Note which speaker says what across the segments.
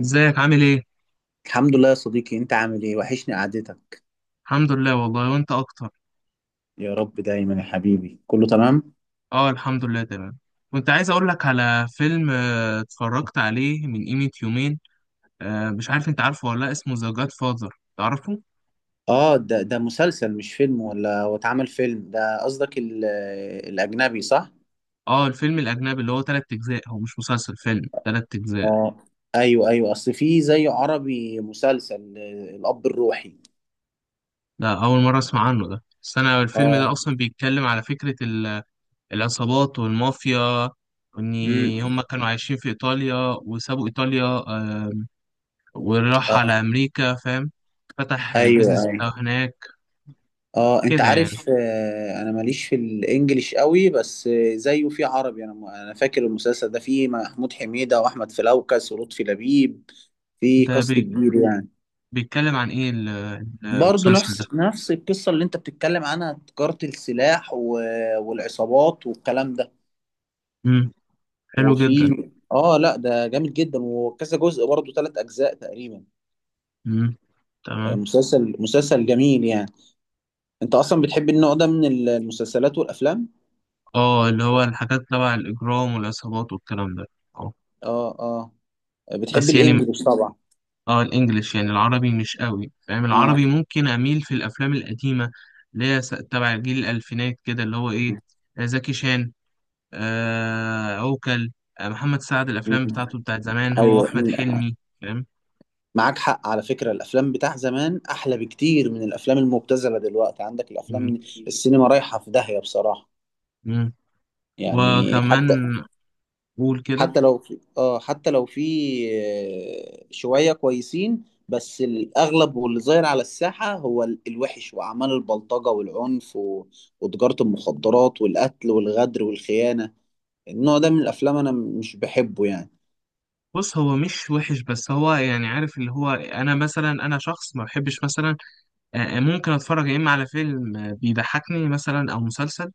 Speaker 1: ازيك عامل ايه؟
Speaker 2: الحمد لله يا صديقي، انت عامل ايه؟ وحشني قعدتك.
Speaker 1: الحمد لله والله، وانت اكتر.
Speaker 2: يا رب دايما يا حبيبي، كله تمام.
Speaker 1: اه، الحمد لله تمام. كنت عايز اقول لك على فيلم، اتفرجت عليه من قيمة يومين. مش عارف انت عارفه ولا لا، اسمه ذا جاد فاذر، تعرفه؟
Speaker 2: اه، ده مسلسل مش فيلم، ولا هو اتعمل فيلم؟ ده قصدك الاجنبي، صح؟
Speaker 1: اه، الفيلم الاجنبي اللي هو 3 اجزاء، هو مش مسلسل، فيلم 3 اجزاء.
Speaker 2: اه، ايوه ايوه. اصل في زي عربي مسلسل، الاب الروحي.
Speaker 1: ده اول مرة اسمع عنه ده، بس انا الفيلم ده
Speaker 2: اه.
Speaker 1: اصلا بيتكلم على فكرة العصابات والمافيا، وان
Speaker 2: امم.
Speaker 1: هم كانوا عايشين في ايطاليا وسابوا ايطاليا، وراح
Speaker 2: اه.
Speaker 1: على امريكا، فاهم. فتح
Speaker 2: ايوه
Speaker 1: البيزنس بتاعه
Speaker 2: ايوه.
Speaker 1: هناك.
Speaker 2: اه، انت
Speaker 1: كده يعني.
Speaker 2: عارف، انا ماليش في الانجليش قوي، بس زيه في عربي. انا فاكر المسلسل ده فيه محمود حميدة واحمد فلوكس ولطفي لبيب، في
Speaker 1: ده
Speaker 2: كاست
Speaker 1: بي...
Speaker 2: كبير يعني.
Speaker 1: بيتكلم عن ايه
Speaker 2: برضه
Speaker 1: المسلسل ده.
Speaker 2: نفس القصة اللي انت بتتكلم عنها، تجارة السلاح والعصابات والكلام ده.
Speaker 1: امم. حلو جدا.
Speaker 2: وفي اه لا، ده جامد جدا، وكذا جزء برضه ثلاث اجزاء تقريبا.
Speaker 1: امم.
Speaker 2: آه،
Speaker 1: تمام.
Speaker 2: مسلسل مسلسل جميل يعني. انت اصلا بتحب النوع ده من المسلسلات والافلام؟
Speaker 1: اه، اللي هو الحاجات تبع الاجرام والعصابات والكلام ده. اه.
Speaker 2: اه اه. بتحب
Speaker 1: بس يعني.
Speaker 2: الانجليش طبعا؟
Speaker 1: اه، الانجليش يعني، العربي مش قوي فاهم،
Speaker 2: اه
Speaker 1: العربي ممكن اميل في الافلام القديمه اللي هي تبع جيل الالفينات كده، اللي هو ايه،
Speaker 2: م-
Speaker 1: زكي شان، عوكل، محمد سعد، الافلام
Speaker 2: م-
Speaker 1: بتاعته بتاعت زمان، هو
Speaker 2: ايوه
Speaker 1: واحمد
Speaker 2: م-
Speaker 1: حلمي، فاهم.
Speaker 2: معاك حق، على فكرة الافلام بتاع زمان احلى بكتير من الافلام المبتذلة دلوقتي. عندك الافلام،
Speaker 1: امم.
Speaker 2: السينما رايحة في داهية بصراحة
Speaker 1: امم.
Speaker 2: يعني.
Speaker 1: وكمان. قول كده.
Speaker 2: حتى لو في شوية كويسين، بس الأغلب واللي ظاهر على الساحة هو الوحش وأعمال البلطجة والعنف وتجارة المخدرات والقتل والغدر والخيانة. النوع ده من الأفلام أنا مش بحبه يعني.
Speaker 1: بص، هو مش وحش، بس هو يعني، عارف اللي هو انا مثلا، انا شخص ما بحبش مثلا، ممكن اتفرج يا اما على فيلم، بيضحكني مثلا، او مسلسل،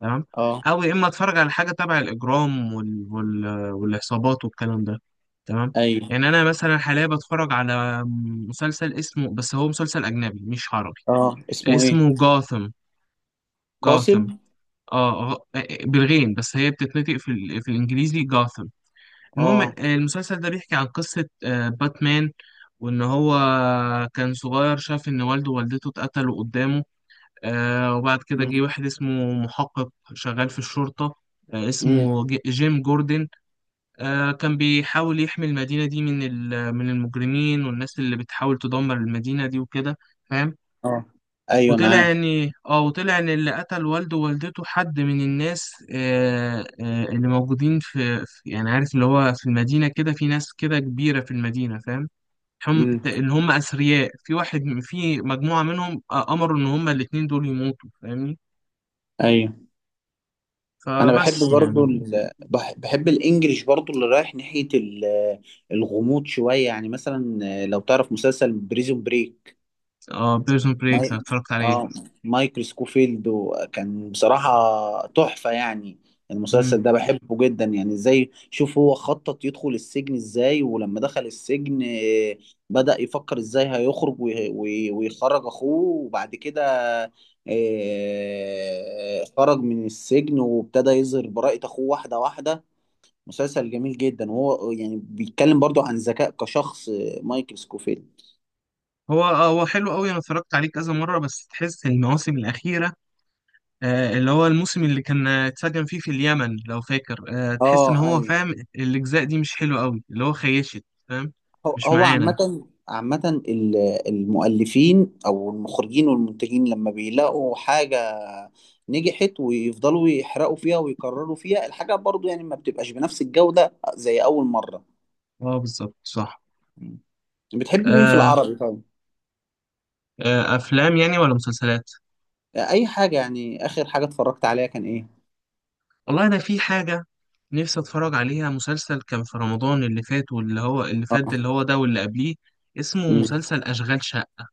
Speaker 1: تمام.
Speaker 2: اه.
Speaker 1: او يا اما اتفرج على حاجه تبع الاجرام والعصابات والكلام ده، تمام.
Speaker 2: أيوه.
Speaker 1: يعني انا مثلا حاليا بتفرج على مسلسل، اسمه، بس هو مسلسل اجنبي مش عربي.
Speaker 2: اه، اسمه إيه؟
Speaker 1: اسمه جاثم. جاثم.
Speaker 2: قاسم؟
Speaker 1: اه. آه، بالغين، بس هي بتتنطق في الانجليزي جاثم. المهم،
Speaker 2: اه.
Speaker 1: المسلسل ده بيحكي عن قصة، باتمان. وإن هو كان صغير، شاف إن والده ووالدته اتقتلوا قدامه. وبعد كده جه
Speaker 2: امم
Speaker 1: واحد اسمه محقق، شغال في الشرطة،
Speaker 2: امم.
Speaker 1: اسمه جيم جوردن. كان بيحاول يحمي المدينة دي من المجرمين والناس اللي بتحاول تدمر المدينة دي وكده، فاهم.
Speaker 2: اه. أيوه،
Speaker 1: وطلع
Speaker 2: معاك.
Speaker 1: ان اه وطلع ان اللي قتل والده ووالدته حد من الناس، اللي موجودين في يعني، عارف اللي هو، في المدينة كده في ناس كده كبيرة في المدينة، فاهم. هم
Speaker 2: امم.
Speaker 1: اللي هم أثرياء، في واحد في مجموعة منهم، أمروا إن هم الاتنين دول يموتوا، فاهمني.
Speaker 2: أيوه. انا بحب
Speaker 1: فبس
Speaker 2: برضو
Speaker 1: يعني.
Speaker 2: بحب الانجليش برضو، اللي رايح ناحية الغموض شوية يعني. مثلا لو تعرف مسلسل بريزون بريك،
Speaker 1: اه، بيرسون بريك
Speaker 2: ماي
Speaker 1: اتفرجت عليه.
Speaker 2: اه مايكل سكوفيلد، وكان بصراحة تحفة يعني.
Speaker 1: مم.
Speaker 2: المسلسل ده بحبه جدا يعني، ازاي شوف هو خطط يدخل السجن ازاي، ولما دخل السجن بدأ يفكر ازاي هيخرج ويخرج اخوه. وبعد كده خرج من السجن، وابتدى يظهر براءة اخوه واحدة واحدة. مسلسل جميل جدا، وهو يعني بيتكلم برضو عن ذكاء كشخص، مايكل سكوفيلد.
Speaker 1: هو، هو حلو قوي، انا اتفرجت عليه كذا مرة، بس تحس المواسم الأخيرة، اللي هو الموسم اللي كان اتسجن فيه في اليمن، لو فاكر، تحس ان
Speaker 2: اه،
Speaker 1: هو
Speaker 2: ايوه.
Speaker 1: فاهم، الاجزاء دي مش حلوه قوي، اللي هو خيشت، فاهم.
Speaker 2: هو
Speaker 1: مش
Speaker 2: هو
Speaker 1: معانا.
Speaker 2: عامة عامة ال- المؤلفين أو المخرجين والمنتجين لما بيلاقوا حاجة نجحت ويفضلوا يحرقوا فيها ويكرروا فيها الحاجة، برضو يعني ما بتبقاش بنفس الجودة زي أول مرة.
Speaker 1: اه بالظبط، صح.
Speaker 2: مم. بتحب مين في
Speaker 1: آه.
Speaker 2: العربي طيب؟
Speaker 1: آه، افلام يعني ولا مسلسلات؟
Speaker 2: أي حاجة يعني، آخر حاجة اتفرجت عليها كان إيه؟
Speaker 1: والله انا في حاجه نفسي اتفرج عليها، مسلسل كان في رمضان اللي فات، واللي هو اللي فات ده،
Speaker 2: اه.
Speaker 1: اللي هو ده، واللي قبليه، اسمه،
Speaker 2: مم.
Speaker 1: مسلسل اشغال شقه.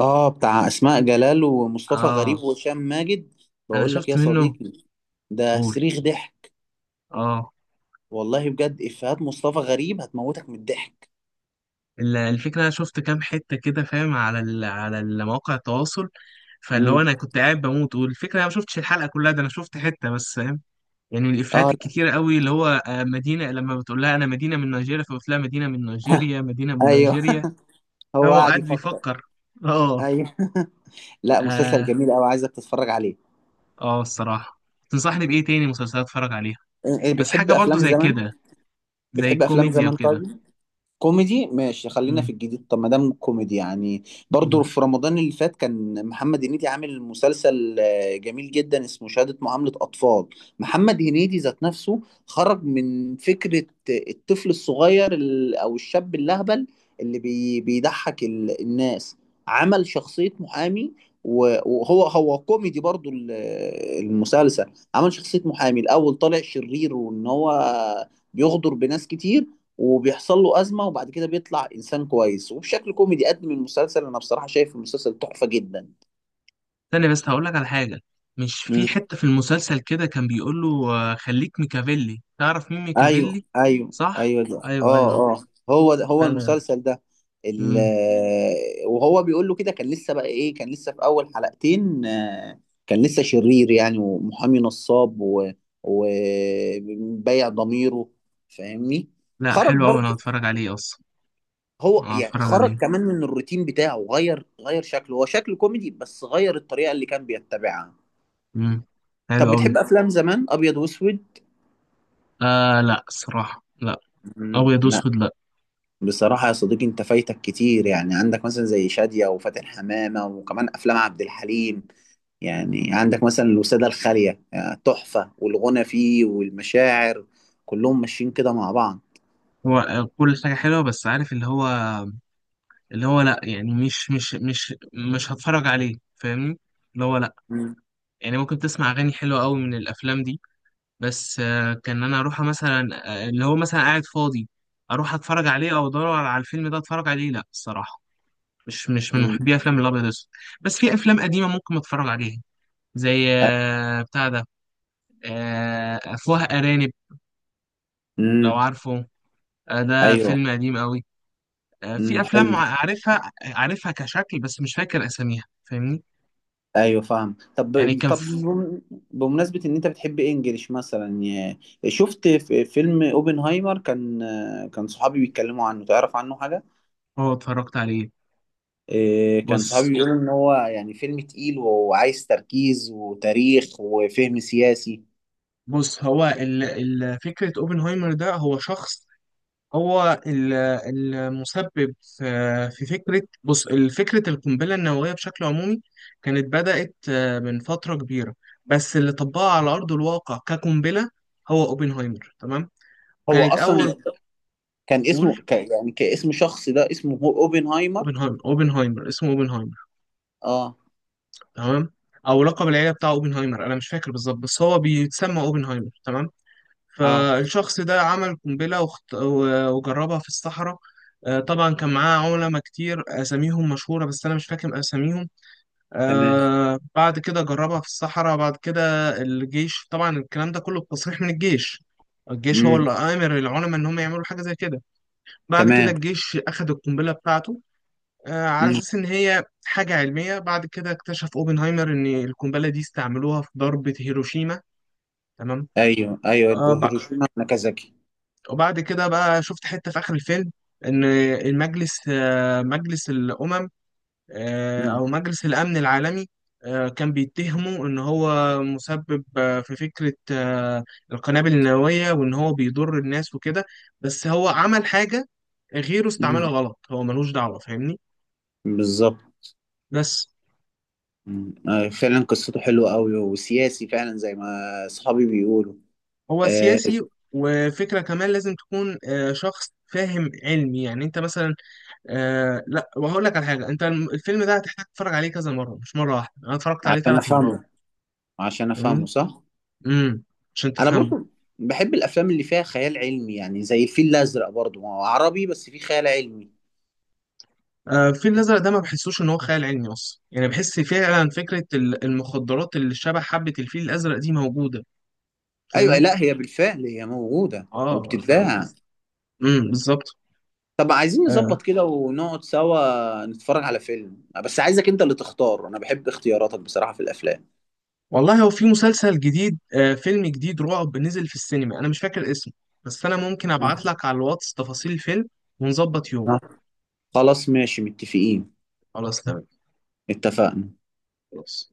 Speaker 2: آه، بتاع أسماء جلال ومصطفى غريب
Speaker 1: اه.
Speaker 2: وهشام ماجد.
Speaker 1: انا
Speaker 2: بقول لك
Speaker 1: شفت
Speaker 2: يا
Speaker 1: منه.
Speaker 2: صديقي، ده
Speaker 1: قول.
Speaker 2: صريخ ضحك.
Speaker 1: اه.
Speaker 2: والله بجد إفيهات مصطفى غريب هتموتك من الضحك.
Speaker 1: الفكرة، أنا شفت كام حتة كده فاهم، على مواقع التواصل، فاللي هو أنا كنت قاعد بموت، والفكرة أنا ما شفتش الحلقة كلها، ده أنا شفت حتة بس، فاهم. يعني من الإفيهات
Speaker 2: اه. لأ،
Speaker 1: الكتيرة قوي، اللي هو مدينة لما بتقول لها أنا مدينة من نيجيريا، فبتقول لها مدينة من نيجيريا، مدينة من
Speaker 2: ايوه
Speaker 1: نيجيريا، فاهم.
Speaker 2: هو
Speaker 1: هو
Speaker 2: قاعد
Speaker 1: قاعد
Speaker 2: يفكر.
Speaker 1: بيفكر. أه.
Speaker 2: ايوه. لا، مسلسل
Speaker 1: أه.
Speaker 2: جميل قوي، عايزك تتفرج عليه.
Speaker 1: أه، الصراحة، تنصحني بإيه تاني مسلسلات أتفرج عليها؟
Speaker 2: إيه،
Speaker 1: بس
Speaker 2: بتحب
Speaker 1: حاجة برضو
Speaker 2: افلام
Speaker 1: زي
Speaker 2: زمان؟
Speaker 1: كده، زي
Speaker 2: بتحب افلام
Speaker 1: الكوميديا
Speaker 2: زمان
Speaker 1: وكده.
Speaker 2: طيب. كوميدي ماشي، خلينا في الجديد. طب ما دام كوميدي يعني، برضو
Speaker 1: مم.
Speaker 2: في رمضان اللي فات كان محمد هنيدي عامل مسلسل جميل جدا، اسمه شهادة معاملة أطفال. محمد هنيدي ذات نفسه خرج من فكرة الطفل الصغير أو الشاب اللهبل اللي بيضحك الناس. عمل شخصية محامي، وهو كوميدي برضو المسلسل. عمل شخصية محامي الأول، طالع شرير وإن هو بيغدر بناس كتير، وبيحصل له أزمة، وبعد كده بيطلع إنسان كويس. وبشكل كوميدي قدم المسلسل، أنا بصراحة شايف المسلسل تحفة جدا.
Speaker 1: ثانية بس هقول لك على حاجة. مش في
Speaker 2: مم.
Speaker 1: حتة في المسلسل كده كان بيقول له، خليك ميكافيلي، تعرف مين
Speaker 2: أيوه
Speaker 1: ميكافيلي؟
Speaker 2: أيوه
Speaker 1: صح.
Speaker 2: أيوه. ده
Speaker 1: ايوه، ايوه.
Speaker 2: أه أه. هو ده هو
Speaker 1: انا.
Speaker 2: المسلسل ده.
Speaker 1: مم.
Speaker 2: وهو بيقول له كده، كان لسه بقى إيه، كان لسه في أول حلقتين، كان لسه شرير يعني، ومحامي نصاب وبيع ضميره، فاهمني؟
Speaker 1: لا،
Speaker 2: خرج
Speaker 1: حلو قوي، انا
Speaker 2: برضه،
Speaker 1: هتفرج عليه اصلا.
Speaker 2: هو
Speaker 1: أنا
Speaker 2: يعني
Speaker 1: هتفرج
Speaker 2: خرج
Speaker 1: عليه.
Speaker 2: كمان من الروتين بتاعه، غير شكله. هو شكله كوميدي بس غير الطريقة اللي كان بيتبعها.
Speaker 1: مم. حلو
Speaker 2: طب
Speaker 1: قوي.
Speaker 2: بتحب أفلام زمان أبيض وأسود؟
Speaker 1: لا الصراحة، لا.
Speaker 2: مم،
Speaker 1: ابيض
Speaker 2: لا.
Speaker 1: واسود لا.
Speaker 2: بصراحة يا صديقي أنت فايتك كتير يعني، عندك مثلا زي شادية وفاتن حمامة، وكمان أفلام عبد الحليم. يعني عندك مثلا الوسادة الخالية يعني تحفة، والغنى فيه، والمشاعر، كلهم ماشيين كده مع بعض.
Speaker 1: هو كل حاجة حلوة، بس عارف اللي هو، اللي هو لا يعني، مش مش هتفرج عليه، فاهمني. اللي هو لا.
Speaker 2: مم.
Speaker 1: يعني ممكن تسمع اغاني حلوة قوي من الافلام دي، بس كان انا اروح مثلا، اللي هو مثلا قاعد فاضي، اروح اتفرج عليه، او ادور على الفيلم ده اتفرج عليه. لا، الصراحه، مش من
Speaker 2: مم.
Speaker 1: محبي افلام الابيض والاسود. بس في افلام قديمه ممكن اتفرج عليها، زي
Speaker 2: أ-
Speaker 1: بتاع ده، افواه ارانب، لو
Speaker 2: مم.
Speaker 1: عارفه، ده
Speaker 2: أيوه.
Speaker 1: فيلم قديم قوي.
Speaker 2: مم.
Speaker 1: في افلام
Speaker 2: حلو.
Speaker 1: عارفها عارفها كشكل، بس مش فاكر اساميها، فاهمني.
Speaker 2: ايوه فاهم.
Speaker 1: يعني
Speaker 2: طب طب بم- بمناسبه ان انت بتحب انجليش مثلا، شفت في فيلم اوبنهايمر. كان صحابي بيتكلموا عنه، تعرف عنه حاجه؟
Speaker 1: هو، اتفرجت عليه.
Speaker 2: إيه، كان
Speaker 1: بص
Speaker 2: صحابي بيقولوا ان هو يعني فيلم تقيل، وعايز تركيز وتاريخ وفهم سياسي.
Speaker 1: بص، هو فكرة اوبنهايمر ده، هو شخص، هو المسبب في فكرة. بص، فكرة القنبلة النووية بشكل عمومي كانت بدأت من فترة كبيرة، بس اللي طبقها على أرض الواقع كقنبلة هو أوبنهايمر، تمام.
Speaker 2: هو
Speaker 1: كانت أول.
Speaker 2: اصلا كان اسمه
Speaker 1: قول.
Speaker 2: ك يعني كاسم شخص، ده اسمه هو اوبنهايمر؟
Speaker 1: أوبنهايمر. أوبنهايمر، اسمه أوبنهايمر،
Speaker 2: اه
Speaker 1: تمام. أو لقب العيلة بتاع أوبنهايمر، أنا مش فاكر بالظبط، بس هو بيتسمى أوبنهايمر، تمام.
Speaker 2: اه.
Speaker 1: فالشخص ده عمل قنبلة، وجربها في الصحراء. طبعا كان معاه علماء كتير، اساميهم مشهوره، بس انا مش فاكر اساميهم.
Speaker 2: تمام.
Speaker 1: بعد كده جربها في الصحراء، بعد كده الجيش، طبعا الكلام ده كله بتصريح من الجيش، الجيش هو
Speaker 2: امم.
Speaker 1: اللي آمر العلماء إن هم يعملوا حاجة زي كده. بعد كده
Speaker 2: تمام.
Speaker 1: الجيش أخد القنبلة بتاعته، آه، على
Speaker 2: امم.
Speaker 1: أساس إن هي حاجة علمية. بعد كده اكتشف أوبنهايمر إن القنبلة دي استعملوها في ضربة هيروشيما، تمام.
Speaker 2: ايوه
Speaker 1: آه
Speaker 2: ايوه،
Speaker 1: بع-
Speaker 2: هيروشيما ناكازاكي.
Speaker 1: وبعد كده بقى شفت حتة في آخر الفيلم، إن المجلس آه مجلس الأمم، أو
Speaker 2: امم.
Speaker 1: مجلس الأمن العالمي، كان بيتهمه إن هو مسبب في فكرة القنابل النووية، وإن هو بيضر الناس وكده. بس هو عمل حاجة، غيره استعملها
Speaker 2: أمم،
Speaker 1: غلط، هو ملوش دعوة، فاهمني.
Speaker 2: بالظبط.
Speaker 1: بس.
Speaker 2: مم. فعلا قصته حلوة قوي، وسياسي فعلا زي ما صحابي بيقولوا.
Speaker 1: هو
Speaker 2: آه،
Speaker 1: سياسي، وفكرة كمان لازم تكون شخص فاهم علمي. يعني انت مثلا، لا، وهقول لك على حاجة، انت الفيلم ده هتحتاج تتفرج عليه كذا مرة، مش مرة واحدة، انا اتفرجت عليه
Speaker 2: عشان
Speaker 1: 3 مرات،
Speaker 2: افهمه، عشان افهمه
Speaker 1: فاهمني.
Speaker 2: صح.
Speaker 1: امم. عشان
Speaker 2: انا
Speaker 1: تفهمه.
Speaker 2: برضو بحب الافلام اللي فيها خيال علمي يعني، زي الفيل الازرق. برضو ما هو عربي بس فيه خيال علمي.
Speaker 1: الفيل الأزرق ده، ما بحسوش إن هو خيال علمي أصلا، يعني بحس فعلا فكرة المخدرات اللي شبه حبة الفيل الأزرق دي موجودة،
Speaker 2: ايوه،
Speaker 1: فاهمني؟
Speaker 2: لا، هي بالفعل هي موجودة
Speaker 1: آه، فاهم.
Speaker 2: وبتتباع.
Speaker 1: امم، بالظبط.
Speaker 2: طب عايزين
Speaker 1: آه.
Speaker 2: نظبط كده ونقعد سوا نتفرج على فيلم، بس عايزك انت اللي تختار، انا بحب اختياراتك بصراحة في الافلام.
Speaker 1: والله هو في مسلسل جديد آه فيلم جديد رعب نزل في السينما، أنا مش فاكر اسمه، بس أنا ممكن
Speaker 2: آه.
Speaker 1: أبعت لك على الواتس تفاصيل الفيلم ونظبط يوم.
Speaker 2: آه. خلاص ماشي، متفقين.
Speaker 1: خلاص تمام.
Speaker 2: اتفقنا.
Speaker 1: خلاص.